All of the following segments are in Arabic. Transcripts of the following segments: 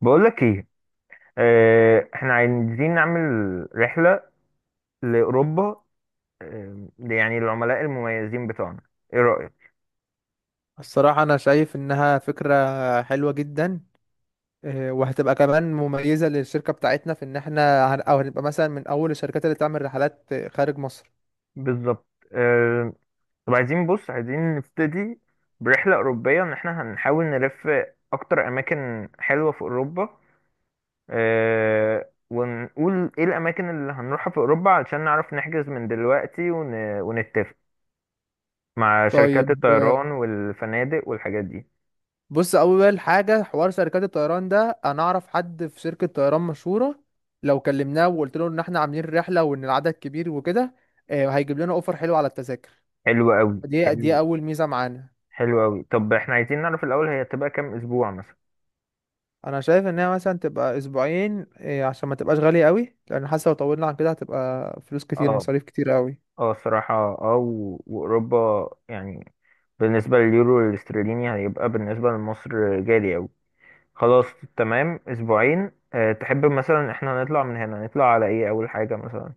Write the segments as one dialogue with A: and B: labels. A: بقولك ايه؟ اه، احنا عايزين نعمل رحلة لأوروبا. يعني العملاء المميزين بتوعنا، ايه رأيك؟
B: الصراحة أنا شايف إنها فكرة حلوة جدا، وهتبقى كمان مميزة للشركة بتاعتنا، في إن إحنا هن- أو هنبقى مثلا من أول الشركات اللي تعمل رحلات خارج مصر.
A: بالظبط. اه، طب عايزين، بص عايزين نبتدي برحلة أوروبية، ان احنا هنحاول نلف اكتر اماكن حلوة في أوروبا. اه، ونقول ايه الاماكن اللي هنروحها في أوروبا علشان نعرف نحجز من دلوقتي ونتفق مع شركات
B: طيب
A: الطيران والفنادق والحاجات دي.
B: بص، أول حاجة حوار شركات الطيران ده، أنا أعرف حد في شركة طيران مشهورة، لو كلمناه وقلت له إن إحنا عاملين رحلة وإن العدد كبير وكده، هيجيب لنا أوفر حلو على التذاكر.
A: حلو قوي،
B: دي
A: حلو.
B: دي أول ميزة معانا.
A: حلو قوي، طب احنا عايزين نعرف الاول، هي هتبقى كام اسبوع مثلا؟
B: انا شايف ان هي مثلا تبقى اسبوعين، عشان ما تبقاش غالية قوي، لان حاسه لو طولنا عن كده هتبقى فلوس كتير،
A: اه.
B: مصاريف كتير قوي.
A: اه الصراحه. اه، واوروبا، يعني بالنسبه لليورو والاسترليني هيبقى بالنسبه لمصر غالي قوي. خلاص، تمام، اسبوعين. أه، تحب مثلا احنا نطلع من هنا، نطلع على ايه اول حاجه مثلا؟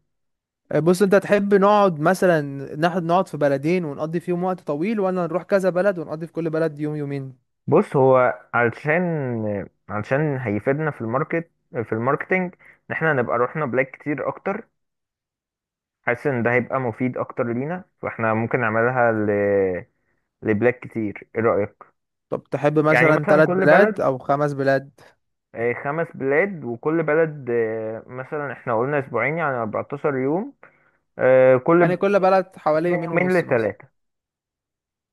B: بص، انت تحب نقعد مثلا ناخد نقعد في بلدين ونقضي فيهم وقت طويل، ولا نروح كذا بلد ونقضي في كل بلد يوم يومين؟
A: بص هو علشان، هيفيدنا في الماركت، في الماركتينج، ان احنا نبقى رحنا بلاك كتير اكتر. حاسس ان ده هيبقى مفيد اكتر لينا، فاحنا ممكن نعملها لبلاك كتير، ايه رايك؟
B: طب تحب
A: يعني
B: مثلا
A: مثلا
B: ثلاث
A: كل بلد،
B: بلاد او خمس بلاد؟
A: خمس بلاد، وكل بلد، مثلا احنا قلنا اسبوعين يعني 14 يوم، آه، كل ب-
B: يعني كل بلد حوالي
A: من
B: يومين
A: يومين
B: ونص مثلا.
A: لثلاثة.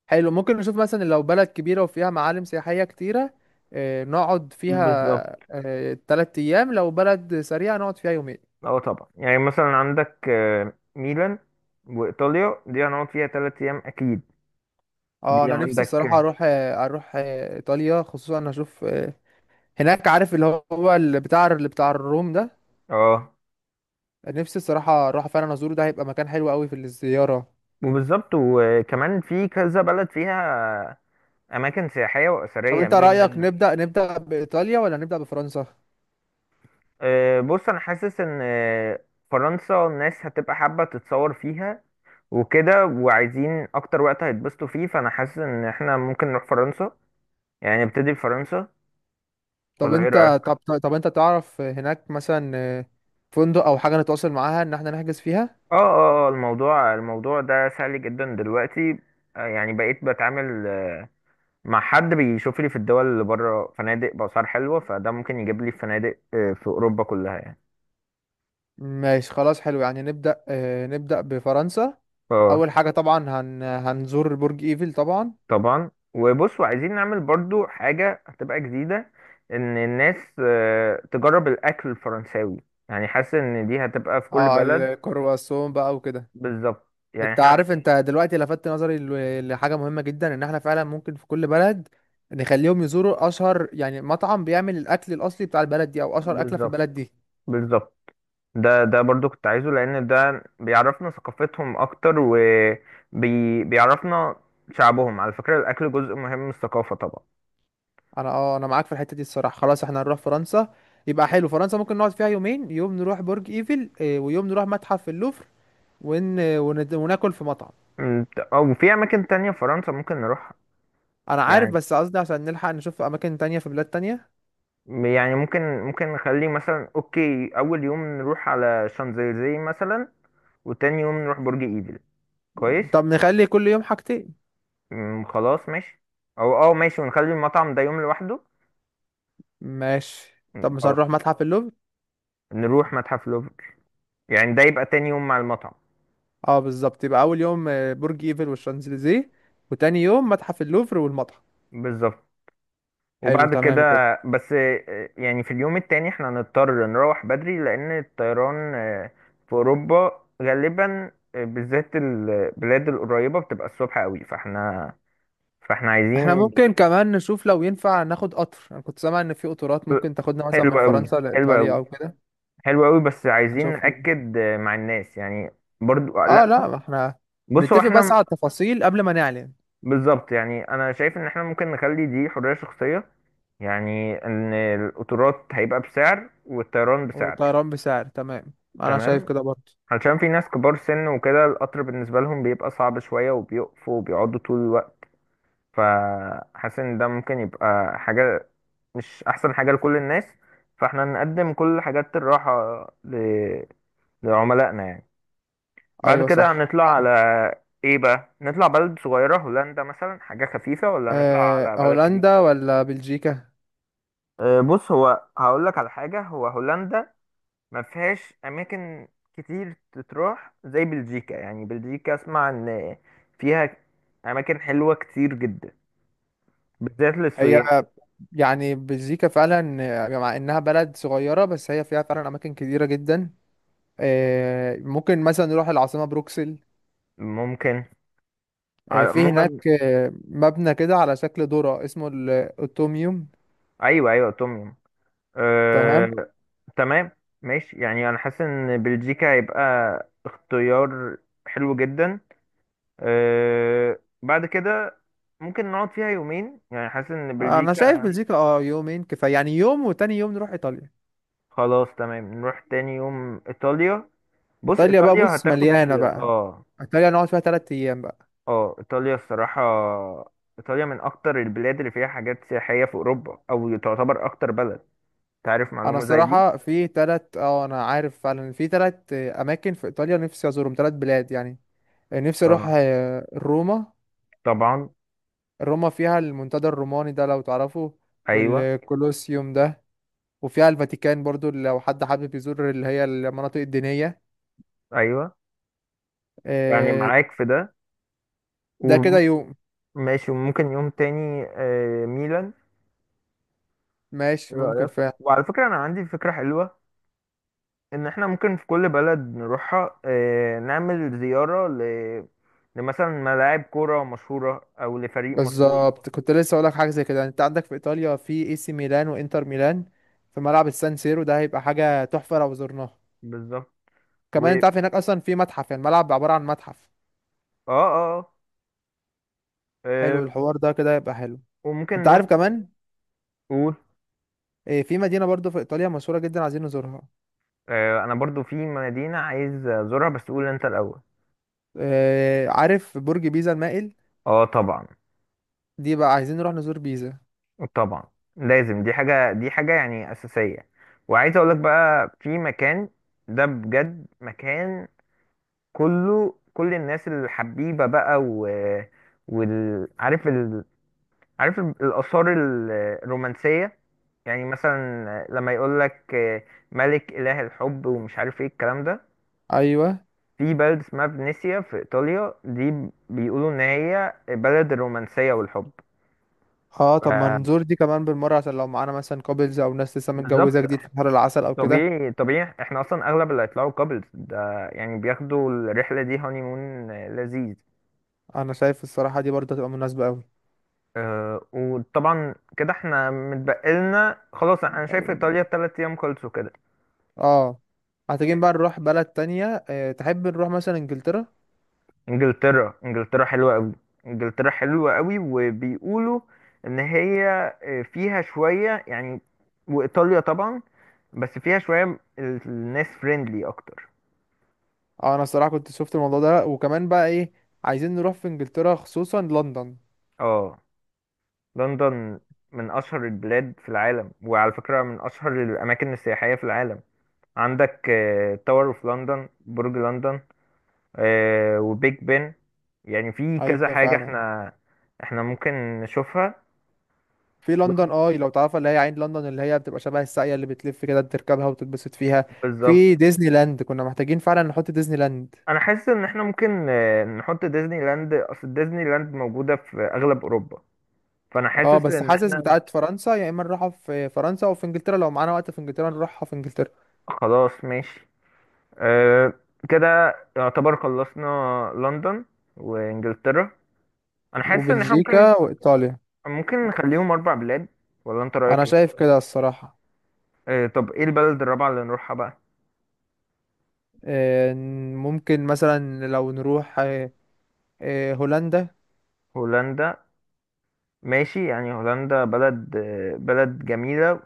B: حلو، ممكن نشوف مثلا لو بلد كبيرة وفيها معالم سياحية كتيرة، نقعد فيها
A: بالظبط.
B: ثلاث ايام، لو بلد سريعة نقعد فيها يومين.
A: اه طبعا، يعني مثلا عندك ميلان وايطاليا، دي هنقعد فيها ثلاث ايام اكيد.
B: اه،
A: دي
B: انا نفسي
A: عندك،
B: الصراحه
A: اه.
B: اروح ايطاليا، خصوصا انا اشوف هناك، عارف اللي هو اللي بتاع الروم ده.
A: آه.
B: نفسي الصراحه اروح فعلا ازوره، ده هيبقى مكان حلو قوي في الزياره.
A: وبالظبط، وكمان في كذا بلد فيها اماكن سياحية
B: طب
A: واثرية،
B: انت رايك
A: ميلان.
B: نبدا بايطاليا ولا نبدا بفرنسا؟
A: بص، انا حاسس ان فرنسا الناس هتبقى حابة تتصور فيها وكده، وعايزين اكتر وقت هيتبسطوا فيه، فانا حاسس ان احنا ممكن نروح فرنسا، يعني نبتدي بفرنسا،
B: طب
A: ولا ايه
B: انت
A: رأيك؟
B: طب طب طب انت تعرف هناك مثلا فندق او حاجه نتواصل معاها ان احنا نحجز فيها؟
A: اه، الموضوع ده سهل جدا دلوقتي. يعني بقيت بتعامل، مع حد بيشوف لي في الدول اللي بره فنادق بأسعار حلوة، فده ممكن يجيب لي فنادق في اوروبا كلها يعني.
B: ماشي، خلاص حلو. يعني نبدا بفرنسا.
A: اه
B: اول حاجه طبعا هنزور برج ايفل طبعا.
A: طبعا. وبصوا عايزين نعمل برضو حاجة هتبقى جديدة، ان الناس تجرب الاكل الفرنساوي، يعني حاسس ان دي هتبقى في كل
B: اه،
A: بلد.
B: الكرواسون بقى وكده.
A: بالظبط، يعني
B: انت
A: احنا.
B: عارف، انت دلوقتي لفتت نظري لحاجه مهمه جدا، ان احنا فعلا ممكن في كل بلد نخليهم يزوروا اشهر يعني مطعم بيعمل الاكل الاصلي بتاع البلد دي، او اشهر اكله في
A: بالظبط.
B: البلد دي.
A: بالظبط ده برضو كنت عايزه، لان ده بيعرفنا ثقافتهم اكتر وبيعرفنا شعبهم. على فكرة الاكل جزء مهم من الثقافة طبعا.
B: انا معاك في الحته دي الصراحه. خلاص احنا هنروح فرنسا، يبقى حلو. فرنسا ممكن نقعد فيها يومين، يوم نروح برج ايفل ويوم نروح متحف اللوفر وناكل في مطعم.
A: أمم، او في اماكن تانية في فرنسا ممكن نروح
B: انا عارف،
A: يعني
B: بس قصدي عشان نلحق نشوف اماكن تانية في بلاد تانية.
A: يعني ممكن نخلي مثلا اوكي، اول يوم نروح على شانزليزيه مثلا، وتاني يوم نروح برج ايفل. كويس.
B: طب نخلي كل يوم حاجتين.
A: أمم، خلاص ماشي. او اه ماشي، ونخلي المطعم ده يوم لوحده.
B: ماشي. طب
A: أمم،
B: مش
A: خلاص.
B: هنروح متحف اللوفر؟
A: نروح متحف لوفر، يعني ده يبقى تاني يوم مع المطعم.
B: اه بالظبط، يبقى اول يوم برج ايفل والشانزليزيه، وتاني يوم متحف اللوفر والمتحف.
A: بالظبط.
B: حلو،
A: وبعد كده،
B: تمام كده.
A: بس يعني في اليوم التاني احنا هنضطر نروح بدري، لأن الطيران في أوروبا غالبا، بالذات البلاد القريبة بتبقى الصبح قوي، فاحنا
B: احنا
A: عايزين.
B: ممكن كمان نشوف لو ينفع ناخد قطر، انا كنت سامع ان في قطارات ممكن تاخدنا مثلا
A: حلو
B: من
A: قوي،
B: فرنسا
A: حلو
B: لايطاليا
A: قوي.
B: او كده.
A: حلو قوي، بس عايزين
B: نشوف.
A: نأكد مع الناس يعني. برضو
B: اه
A: لا.
B: لا، ما احنا
A: بص هو
B: نتفق
A: احنا.
B: بس على التفاصيل قبل ما نعلن.
A: بالظبط، يعني انا شايف ان احنا ممكن نخلي دي حرية شخصية، يعني ان القطارات هيبقى بسعر والطيران بسعر.
B: والطيران بسعر، تمام. انا شايف
A: تمام.
B: كده برضه.
A: علشان في ناس كبار سن وكده، القطر بالنسبة لهم بيبقى صعب شوية، وبيقفوا وبيقعدوا طول الوقت، فحاسس ان ده ممكن يبقى حاجة مش احسن حاجة لكل الناس، فاحنا نقدم كل حاجات الراحة ل... لعملائنا يعني. بعد
B: ايوه
A: كده
B: صح.
A: هنطلع على ايه بقى؟ نطلع بلد صغيرة، هولندا مثلا، حاجة خفيفة، ولا نطلع
B: أه،
A: على بلد كبيرة؟
B: هولندا ولا بلجيكا؟
A: أه، بص هو هقولك على حاجة، هو هولندا ما فيهاش اماكن كتير تتروح زي بلجيكا، يعني بلجيكا اسمع ان فيها اماكن حلوه كتير جدا بالذات
B: هي
A: للسياح.
B: يعني بلجيكا فعلا مع انها بلد صغيرة، بس هي فيها فعلا اماكن كتيرة جدا. ممكن مثلا نروح العاصمة بروكسل.
A: ممكن.
B: في هناك
A: عموما.
B: مبنى كده على شكل ذرة اسمه الأوتوميوم.
A: ايوه ايوه، توم يوم.
B: تمام.
A: أه. تمام. ماشي، يعني انا حاسس ان بلجيكا هيبقى اختيار حلو جدا. أه، بعد كده ممكن نقعد فيها يومين، يعني حاسس ان
B: انا شايف
A: بلجيكا.
B: بلجيكا يومين كفاية، يعني يوم، وتاني يوم نروح ايطاليا.
A: خلاص تمام، نروح تاني يوم ايطاليا. بص
B: ايطاليا بقى
A: ايطاليا
B: بص
A: هتاخد،
B: مليانة بقى،
A: اه.
B: ايطاليا نقعد فيها تلات ايام بقى.
A: اه، ايطاليا الصراحه، ايطاليا من اكتر البلاد اللي فيها حاجات سياحيه في اوروبا، او تعتبر اكتر بلد. تعرف
B: انا
A: معلومه زي دي.
B: الصراحة في تلات اه انا عارف فعلا في تلات اماكن في ايطاليا نفسي ازورهم، تلات بلاد يعني. نفسي اروح
A: اه
B: روما.
A: طبعا.
B: روما فيها المنتدى الروماني ده لو تعرفه،
A: ايوه
B: والكولوسيوم ده، وفيها الفاتيكان برضو لو حد حابب يزور اللي هي المناطق الدينية.
A: ايوه، يعني
B: آه،
A: معاك في ده.
B: ده كده يوم.
A: وماشي، وممكن يوم تاني ميلان،
B: ماشي،
A: ايه
B: ممكن
A: رايك؟
B: فعلا.
A: وعلى فكره انا عندي فكره حلوه، ان احنا ممكن في كل بلد نروحها نعمل زياره لمثلا ملاعب كوره مشهوره، او لفريق مشهور.
B: بالظبط، كنت لسه اقولك حاجة زي كده. يعني انت عندك في ايطاليا، في اي سي ميلان وانتر ميلان، في ملعب السان سيرو ده هيبقى حاجة تحفة لو زرناه.
A: بالظبط. و
B: كمان
A: اه
B: انت عارف هناك اصلا في متحف، يعني الملعب عبارة عن متحف.
A: اه آه،
B: حلو
A: آه،
B: الحوار ده كده، يبقى حلو.
A: وممكن
B: انت
A: نروح.
B: عارف كمان
A: قول.
B: في مدينة برضو في ايطاليا مشهورة جدا عايزين نزورها.
A: انا برضو في مدينة عايز ازورها، بس قول انت الاول.
B: عارف برج بيزا المائل؟
A: اه طبعا.
B: دي بقى عايزين نروح نزور بيزا.
A: طبعا لازم، دي حاجة، يعني اساسية. وعايز اقولك بقى، في مكان ده بجد مكان كله، كل الناس الحبيبة بقى، و عارف الآثار الرومانسية، يعني مثلا لما يقولك ملك إله الحب ومش عارف ايه الكلام ده.
B: ايوه،
A: في بلد اسمها فينيسيا في إيطاليا، دي بيقولوا إن هي بلد الرومانسية والحب.
B: اه، طب ما نزور
A: ف-
B: دي كمان بالمرة، عشان لو معانا مثلا كابلز او ناس لسه
A: بالظبط.
B: متجوزة جديد في بحر العسل او كده.
A: طبيعي، احنا اصلا اغلب اللي هيطلعوا كابلز ده، يعني بياخدوا الرحلة دي هانيمون لذيذ.
B: انا شايف الصراحة دي برضه هتبقى مناسبة اوي.
A: أه، وطبعا كده احنا متبقلنا خلاص. انا شايف
B: أم،
A: ايطاليا تلات ايام خلصوا كده.
B: اه، محتاجين بقى نروح بلد تانية. اه تحب نروح مثلا انجلترا؟
A: انجلترا. انجلترا حلوة قوي، وبيقولوا ان هي فيها شوية يعني. وايطاليا طبعا، بس فيها شوية الناس فريندلي أكتر.
B: اه، انا الصراحة كنت شفت الموضوع ده، وكمان بقى ايه، عايزين نروح في انجلترا خصوصا لندن.
A: اه، لندن من أشهر البلاد في العالم، وعلى فكرة من أشهر الأماكن السياحية في العالم. عندك تاور اوف لندن، برج لندن، وبيج بن، يعني في كذا
B: ايوه
A: حاجة.
B: فعلا.
A: احنا ممكن نشوفها.
B: في لندن لو تعرفها، اللي هي عين لندن، اللي هي بتبقى شبه الساقية اللي بتلف كده، تركبها وتتبسط فيها.
A: بالظبط،
B: في ديزني لاند، كنا محتاجين فعلا نحط ديزني لاند.
A: انا حاسس ان احنا ممكن نحط ديزني لاند، اصل ديزني لاند موجودة في اغلب اوروبا، فانا
B: اه
A: حاسس
B: بس
A: ان
B: حاسس
A: احنا.
B: بتاعت فرنسا، يا اما نروحها في فرنسا او في انجلترا، لو معانا وقت في انجلترا نروحها في انجلترا.
A: خلاص ماشي. أه كده يعتبر خلصنا لندن وانجلترا. انا حاسس ان احنا ممكن،
B: وبلجيكا وايطاليا.
A: نخليهم اربع بلاد، ولا انت رايك
B: انا
A: ايه؟
B: شايف كده الصراحة.
A: أه، طب ايه البلد الرابعه اللي نروحها بقى؟
B: آه، ممكن مثلا لو نروح هولندا.
A: هولندا. ماشي، يعني هولندا بلد بلد جميله،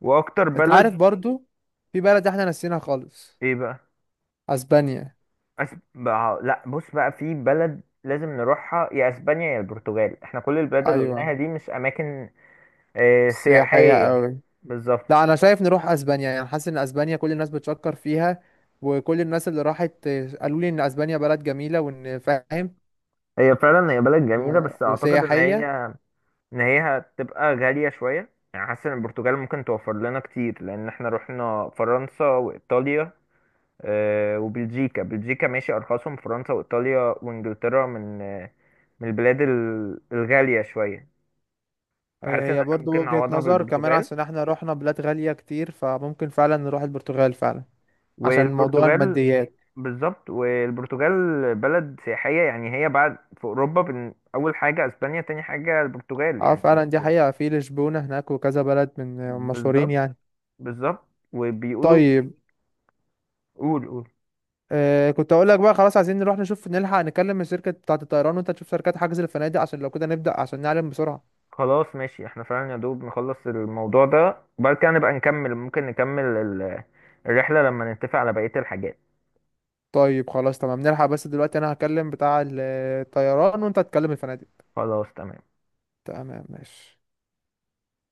A: واكتر
B: انت
A: بلد.
B: عارف برضو في بلد احنا نسيناها خالص:
A: ايه بقى؟
B: اسبانيا.
A: بقى لا، بص بقى، في بلد لازم نروحها، يا اسبانيا يا البرتغال، احنا كل البلاد اللي
B: ايوه،
A: قلناها دي مش اماكن أه
B: سياحية
A: سياحيه.
B: قوي.
A: بالظبط.
B: لا، انا شايف نروح اسبانيا، يعني حاسس ان اسبانيا كل الناس بتشكر فيها، وكل الناس اللي راحت قالوا لي ان اسبانيا بلد جميلة وان فاهم.
A: هي فعلا هي بلد جميله، بس اعتقد ان هي،
B: وسياحية.
A: هتبقى غالية شوية، يعني حاسس ان البرتغال ممكن توفر لنا كتير، لان احنا رحنا فرنسا وايطاليا وبلجيكا. بلجيكا ماشي، ارخصهم. فرنسا وايطاليا وانجلترا من من البلاد الغالية شوية، فحاسس ان
B: هي
A: احنا
B: برضو
A: ممكن
B: وجهة
A: نعوضها
B: نظر كمان،
A: بالبرتغال.
B: عشان احنا رحنا بلاد غالية كتير، فممكن فعلا نروح البرتغال فعلا، عشان موضوع
A: والبرتغال،
B: الماديات.
A: بالظبط، والبرتغال بلد سياحية، يعني هي بعد في اوروبا، اول حاجة اسبانيا، تاني حاجة البرتغال،
B: اه
A: يعني مش.
B: فعلا، دي حقيقة، في لشبونة هناك وكذا بلد من مشهورين
A: بالظبط.
B: يعني.
A: وبيقولوا.
B: طيب
A: قول، قول.
B: كنت اقول لك بقى، خلاص عايزين نروح نشوف، نلحق نكلم الشركة بتاعة الطيران، وانت تشوف شركات حجز الفنادق، عشان لو كده نبدأ عشان نعلم بسرعة.
A: خلاص ماشي، احنا فعلا يا دوب نخلص الموضوع ده، وبعد كده نبقى نكمل، ممكن نكمل الرحلة لما نتفق على بقية الحاجات.
B: طيب خلاص تمام، نلحق. بس دلوقتي انا هكلم بتاع الطيران، وانت هتكلم الفنادق.
A: خلاص تمام.
B: تمام ماشي.